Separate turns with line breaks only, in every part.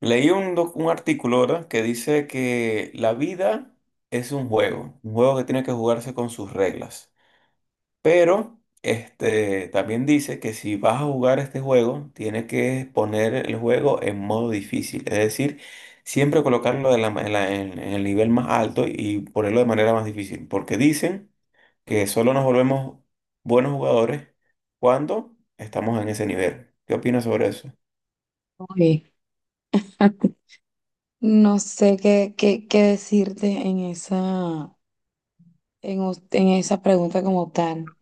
Leí un artículo, ¿verdad? Que dice que la vida es un juego que tiene que jugarse con sus reglas. Pero también dice que si vas a jugar este juego, tienes que poner el juego en modo difícil, es decir, siempre colocarlo de la ma- en, la- en el nivel más alto y ponerlo de manera más difícil, porque dicen que solo nos volvemos buenos jugadores cuando estamos en ese nivel. ¿Qué opinas sobre eso?
Uy, No sé qué decirte en esa, en esa pregunta como tal,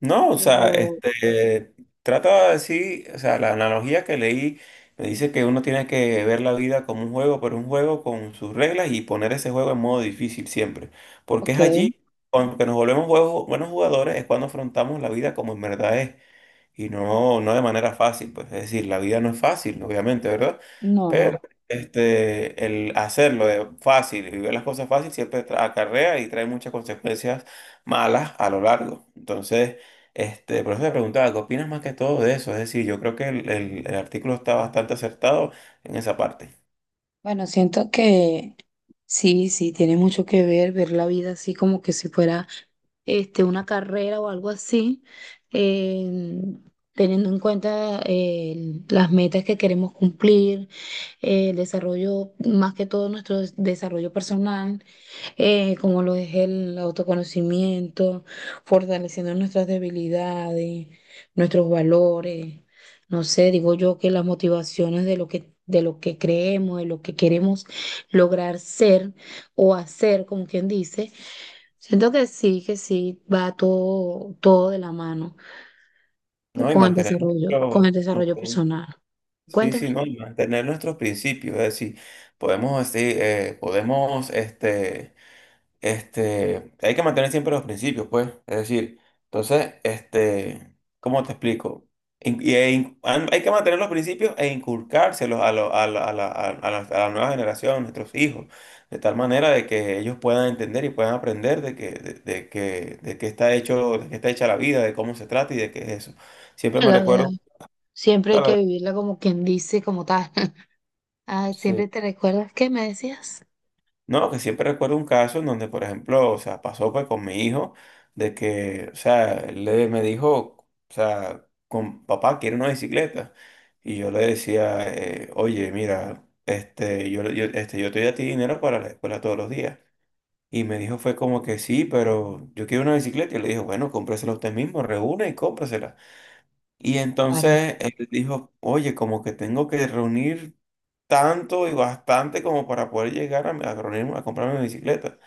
No, o sea,
pero,
trata de decir, o sea, la analogía que leí me dice que uno tiene que ver la vida como un juego, pero un juego con sus reglas y poner ese juego en modo difícil siempre. Porque es
ok,
allí, cuando que nos volvemos buenos jugadores, es cuando afrontamos la vida como en verdad es. Y no, no de manera fácil, pues. Es decir, la vida no es fácil, obviamente, ¿verdad?
no, no.
Pero el hacerlo de fácil y ver las cosas fácil siempre acarrea y trae muchas consecuencias malas a lo largo. Entonces, por eso te preguntaba, ¿qué opinas más que todo de eso? Es decir, yo creo que el artículo está bastante acertado en esa parte,
Bueno, siento que sí, sí, tiene mucho que ver ver la vida así como que si fuera este, una carrera o algo así, eh, teniendo en cuenta las metas que queremos cumplir, el desarrollo, más que todo nuestro desarrollo personal. Como lo es el autoconocimiento, fortaleciendo nuestras debilidades, nuestros valores. No sé, digo yo que las motivaciones de lo que, creemos, de lo que queremos lograr ser o hacer, como quien dice, siento que sí, va todo, todo de la mano
¿no? Y mantener
con el desarrollo personal.
sí,
Cuéntame
sí, ¿no? Y mantener nuestros principios. Es decir, podemos, así, hay que mantener siempre los principios, pues. Es decir, entonces, ¿cómo te explico? Hay que mantener los principios e inculcárselos a, lo- a, la, a la- a la nueva generación, nuestros hijos, de tal manera de que ellos puedan entender y puedan aprender de qué está hecho, de qué está hecha la vida, de cómo se trata y de qué es eso. Siempre me
la verdad.
recuerdo,
Siempre hay que
claro,
vivirla como quien dice, como tal. Ah, siempre
sí.
te recuerdas que me decías.
No, que siempre recuerdo un caso en donde, por ejemplo, o sea, pasó pues con mi hijo, de que, o sea, él le, me dijo, o sea, con papá, quiero una bicicleta. Y yo le decía, oye, mira, yo te doy a ti dinero para la escuela todos los días. Y me dijo, fue como que sí, pero yo quiero una bicicleta. Y le dije, bueno, cómpresela usted mismo, reúne y cómprasela. Y
Vale.
entonces él dijo, oye, como que tengo que reunir tanto y bastante como para poder llegar a reunirme, a comprarme mi bicicleta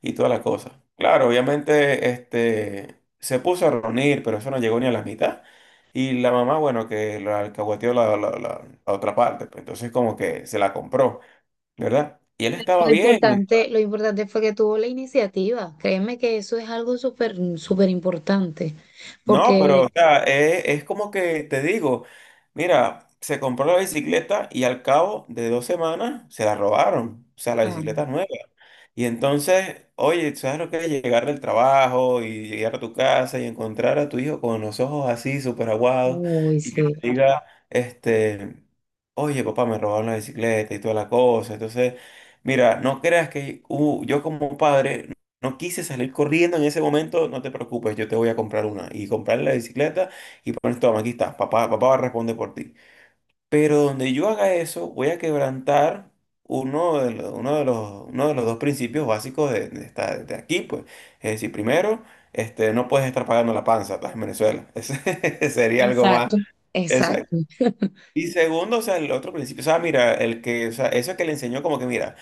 y toda la cosa. Claro, obviamente se puso a reunir, pero eso no llegó ni a la mitad. Y la mamá, bueno, que la alcahueteó la otra parte, pues, entonces como que se la compró, ¿verdad? Y él estaba bien.
Lo importante fue que tuvo la iniciativa. Créeme que eso es algo súper, súper importante.
No, pero
Porque,
o sea, es como que te digo, mira, se compró la bicicleta y al cabo de dos semanas se la robaron, o sea, la
ah,
bicicleta es nueva. Y entonces, oye, ¿sabes lo que es llegar del trabajo y llegar a tu casa y encontrar a tu hijo con los ojos así, súper aguados,
uy,
y que
sí.
te diga, este, oye, papá, me robaron la bicicleta y toda la cosa? Entonces, mira, no creas que yo como padre no quise salir corriendo en ese momento, no te preocupes, yo te voy a comprar una. Y comprarle la bicicleta y pones, toma, aquí está, papá, papá va a responder por ti. Pero donde yo haga eso, voy a quebrantar uno de los dos principios básicos de de aquí, pues. Es decir, primero, no puedes estar pagando la panza, estás en Venezuela. Ese sería algo más.
Exacto.
Exacto.
Exacto.
Y segundo, o sea, el otro principio, o sea, mira, el que, o sea, eso que le enseñó como que, mira,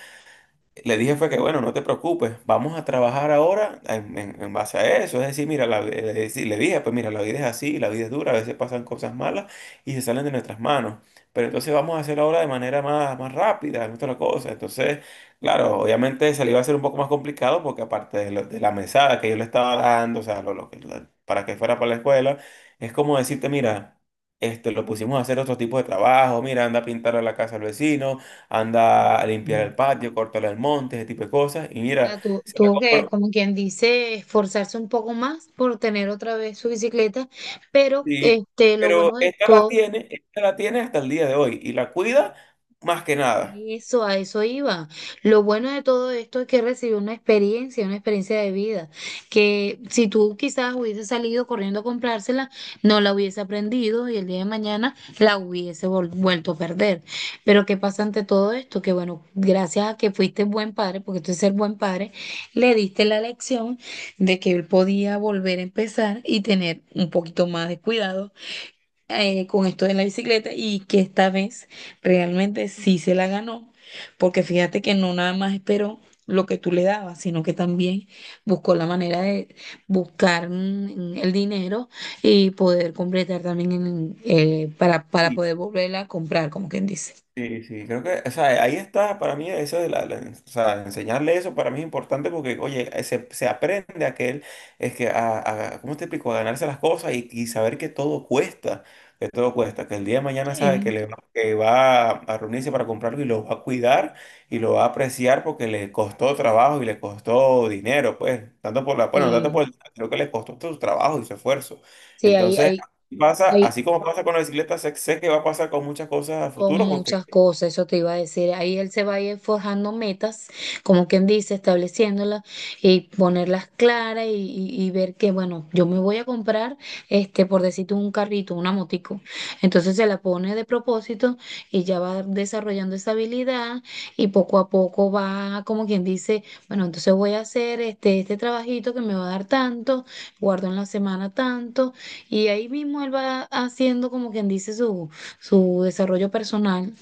le dije fue que, bueno, no te preocupes, vamos a trabajar ahora en base a eso. Es decir, mira, le dije, pues mira, la vida es así, la vida es dura, a veces pasan cosas malas y se salen de nuestras manos. Pero entonces vamos a hacerlo ahora de manera más, más rápida, es otra cosa. Entonces, claro, obviamente se le iba a hacer un poco más complicado porque aparte de, de la mesada que yo le estaba dando, o sea, para que fuera para la escuela, es como decirte, mira, lo pusimos a hacer otro tipo de trabajo, mira, anda a pintar a la casa al vecino, anda a
Ujú.
limpiar el patio, cortarle el monte, ese tipo de cosas. Y
O
mira,
sea,
se la
tuvo que,
compró.
como quien dice, esforzarse un poco más por tener otra vez su bicicleta, pero
Sí,
este, lo
pero
bueno de todo.
esta la tiene hasta el día de hoy y la cuida más que nada.
Eso, a eso iba. Lo bueno de todo esto es que recibió una experiencia de vida, que si tú quizás hubiese salido corriendo a comprársela, no la hubiese aprendido y el día de mañana la hubiese vuelto a perder. Pero ¿qué pasa ante todo esto? Que bueno, gracias a que fuiste buen padre, porque tú eres ser buen padre, le diste la lección de que él podía volver a empezar y tener un poquito más de cuidado con esto de la bicicleta y que esta vez realmente sí se la ganó, porque fíjate que no nada más esperó lo que tú le dabas, sino que también buscó la manera de buscar el dinero y poder completar también para poder volverla a comprar, como quien dice.
Sí, sí, creo que, o sea, ahí está para mí eso de o sea, enseñarle eso para mí es importante porque, oye, se aprende a que él, es que, ¿cómo te explico? A ganarse las cosas y saber que todo cuesta, que todo cuesta, que el día de mañana sabe que,
Sí,
le va, que va a reunirse para comprarlo y lo va a cuidar y lo va a apreciar porque le costó trabajo y le costó dinero, pues, tanto por la, bueno, tanto
sí,
por el, creo que le costó su trabajo y su esfuerzo.
sí,
Entonces, pasa,
hay-
así como pasa con la bicicleta, sé, sé que va a pasar con muchas cosas a
con
futuro porque
muchas cosas, eso te iba a decir. Ahí él se va a ir forjando metas, como quien dice, estableciéndolas y ponerlas claras y ver que, bueno, yo me voy a comprar, este, por decirte un carrito, una motico. Entonces se la pone de propósito y ya va desarrollando esa habilidad y poco a poco va, como quien dice, bueno, entonces voy a hacer este trabajito que me va a dar tanto, guardo en la semana tanto y ahí mismo él va haciendo, como quien dice, su desarrollo personal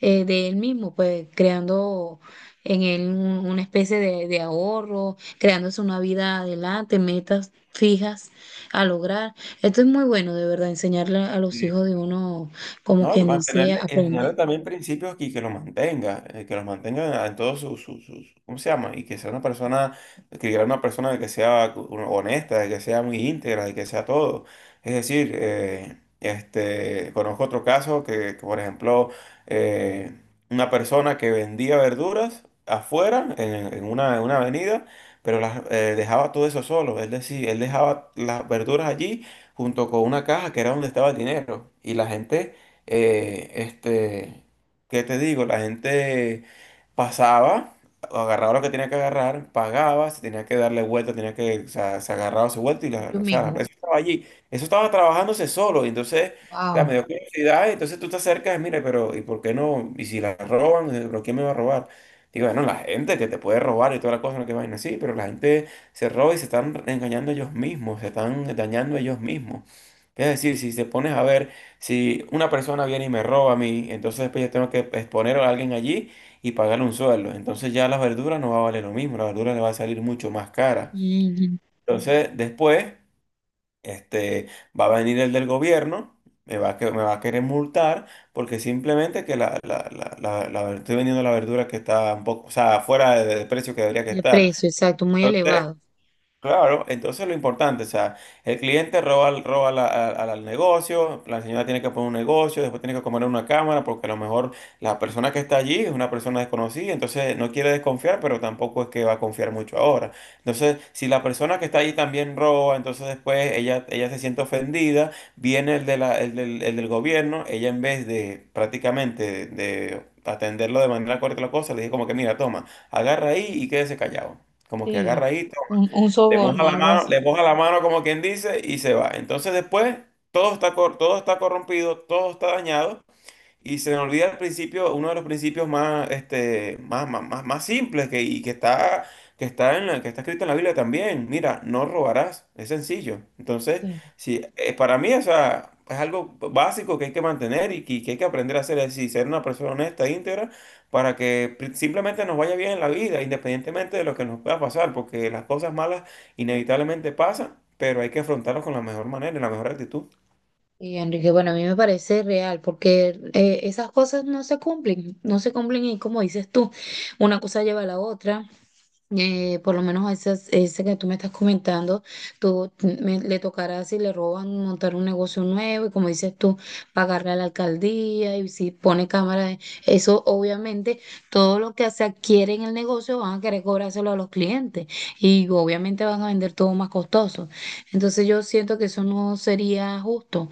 de él mismo, pues creando en él una especie de, ahorro, creándose una vida adelante, metas fijas a lograr. Esto es muy bueno, de verdad, enseñarle a los
sí.
hijos de uno, como
No, y
quien dice,
mantenerle,
aprender
enseñarle también principios y que los mantenga en todos ¿cómo se llama? Y que sea una persona, que sea una persona de que sea honesta, de que sea muy íntegra, de que sea todo. Es decir, conozco otro caso que, por ejemplo, eh, una persona que vendía verduras afuera, en una avenida, pero las, dejaba todo eso solo, es decir, él dejaba las verduras allí junto con una caja que era donde estaba el dinero. Y la gente eh, este, ¿qué te digo? La gente pasaba, agarraba lo que tenía que agarrar, pagaba, se tenía que darle vuelta, tenía que, o sea, se agarraba su vuelta y la,
ellos
o sea, la
mismos.
empresa estaba allí. Eso estaba trabajándose solo, y entonces, o sea, me
Wow.
dio curiosidad, y entonces tú te acercas, mira, pero ¿y por qué no? ¿Y si la roban? ¿Pero quién me va a robar? Digo, bueno, la gente que te puede robar y toda la cosa, no que vaina así, pero la gente se roba y se están engañando ellos mismos, se están dañando ellos mismos. Es decir, si te pones a ver si una persona viene y me roba a mí, entonces después yo tengo que exponer a alguien allí y pagarle un sueldo. Entonces ya la verdura no va a valer lo mismo, la verdura le va a salir mucho más cara.
Ujú.
Entonces después, este, va a venir el del gobierno, me va a querer multar porque simplemente que estoy vendiendo la verdura que está un poco, o sea, fuera del precio que debería que
De
estar.
precio, exacto, muy
Entonces,
elevado.
claro, entonces lo importante, o sea, el cliente roba, al negocio, la señora tiene que poner un negocio, después tiene que comer una cámara, porque a lo mejor la persona que está allí es una persona desconocida, entonces no quiere desconfiar, pero tampoco es que va a confiar mucho ahora. Entonces, si la persona que está allí también roba, entonces después ella se siente ofendida, viene el, de la, el del gobierno, ella en vez de prácticamente de atenderlo de manera correcta la cosa, le dice como que mira, toma, agarra ahí y quédese callado. Como que
Sí,
agarra ahí.
un
Le moja
soborno,
la
algo
mano,
así.
le moja la mano como quien dice y se va. Entonces después todo está, todo está corrompido, todo está dañado y se me olvida el principio, uno de los principios más, más, más, más, más simples que, y que está, que está escrito en la Biblia también. Mira, no robarás. Es sencillo. Entonces,
Sí.
sí, para mí, o sea, es algo básico que hay que mantener que hay que aprender a hacer, es decir, ser una persona honesta, e íntegra, para que simplemente nos vaya bien en la vida, independientemente de lo que nos pueda pasar, porque las cosas malas inevitablemente pasan, pero hay que afrontarlas con la mejor manera y la mejor actitud.
Y Enrique, bueno, a mí me parece real porque esas cosas no se cumplen, no se cumplen y como dices tú, una cosa lleva a la otra por lo menos a ese que tú me estás comentando, tú le tocará si le roban montar un negocio nuevo y como dices tú, pagarle a la alcaldía y si pone cámara, eso obviamente todo lo que se adquiere en el negocio van a querer cobrárselo a los clientes y obviamente van a vender todo más costoso. Entonces yo siento que eso no sería justo,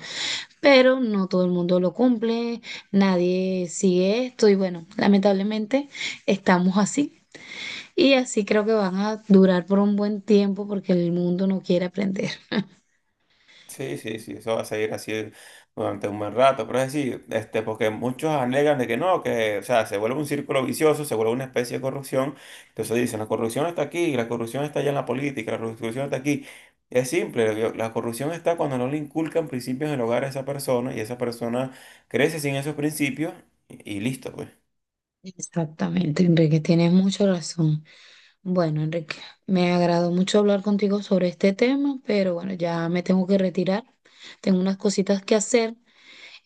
pero no todo el mundo lo cumple, nadie sigue esto y bueno, lamentablemente estamos así. Y así creo que van a durar por un buen tiempo porque el mundo no quiere aprender.
Sí, sí, sí, eso va a seguir así durante un buen rato, pero es decir, porque muchos alegan de que no, que, o sea, se vuelve un círculo vicioso, se vuelve una especie de corrupción, entonces dicen, la corrupción está aquí, la corrupción está allá en la política, la corrupción está aquí. Es simple, la corrupción está cuando no le inculcan principios en el hogar a esa persona y esa persona crece sin esos principios y listo, pues.
Exactamente, Enrique, tienes mucha razón. Bueno, Enrique, me agradó mucho hablar contigo sobre este tema, pero bueno, ya me tengo que retirar. Tengo unas cositas que hacer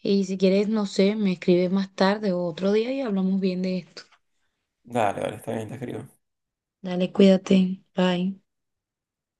y si quieres, no sé, me escribes más tarde o otro día y hablamos bien de esto.
Dale, dale, está bien, te escribo.
Dale, cuídate. Bye.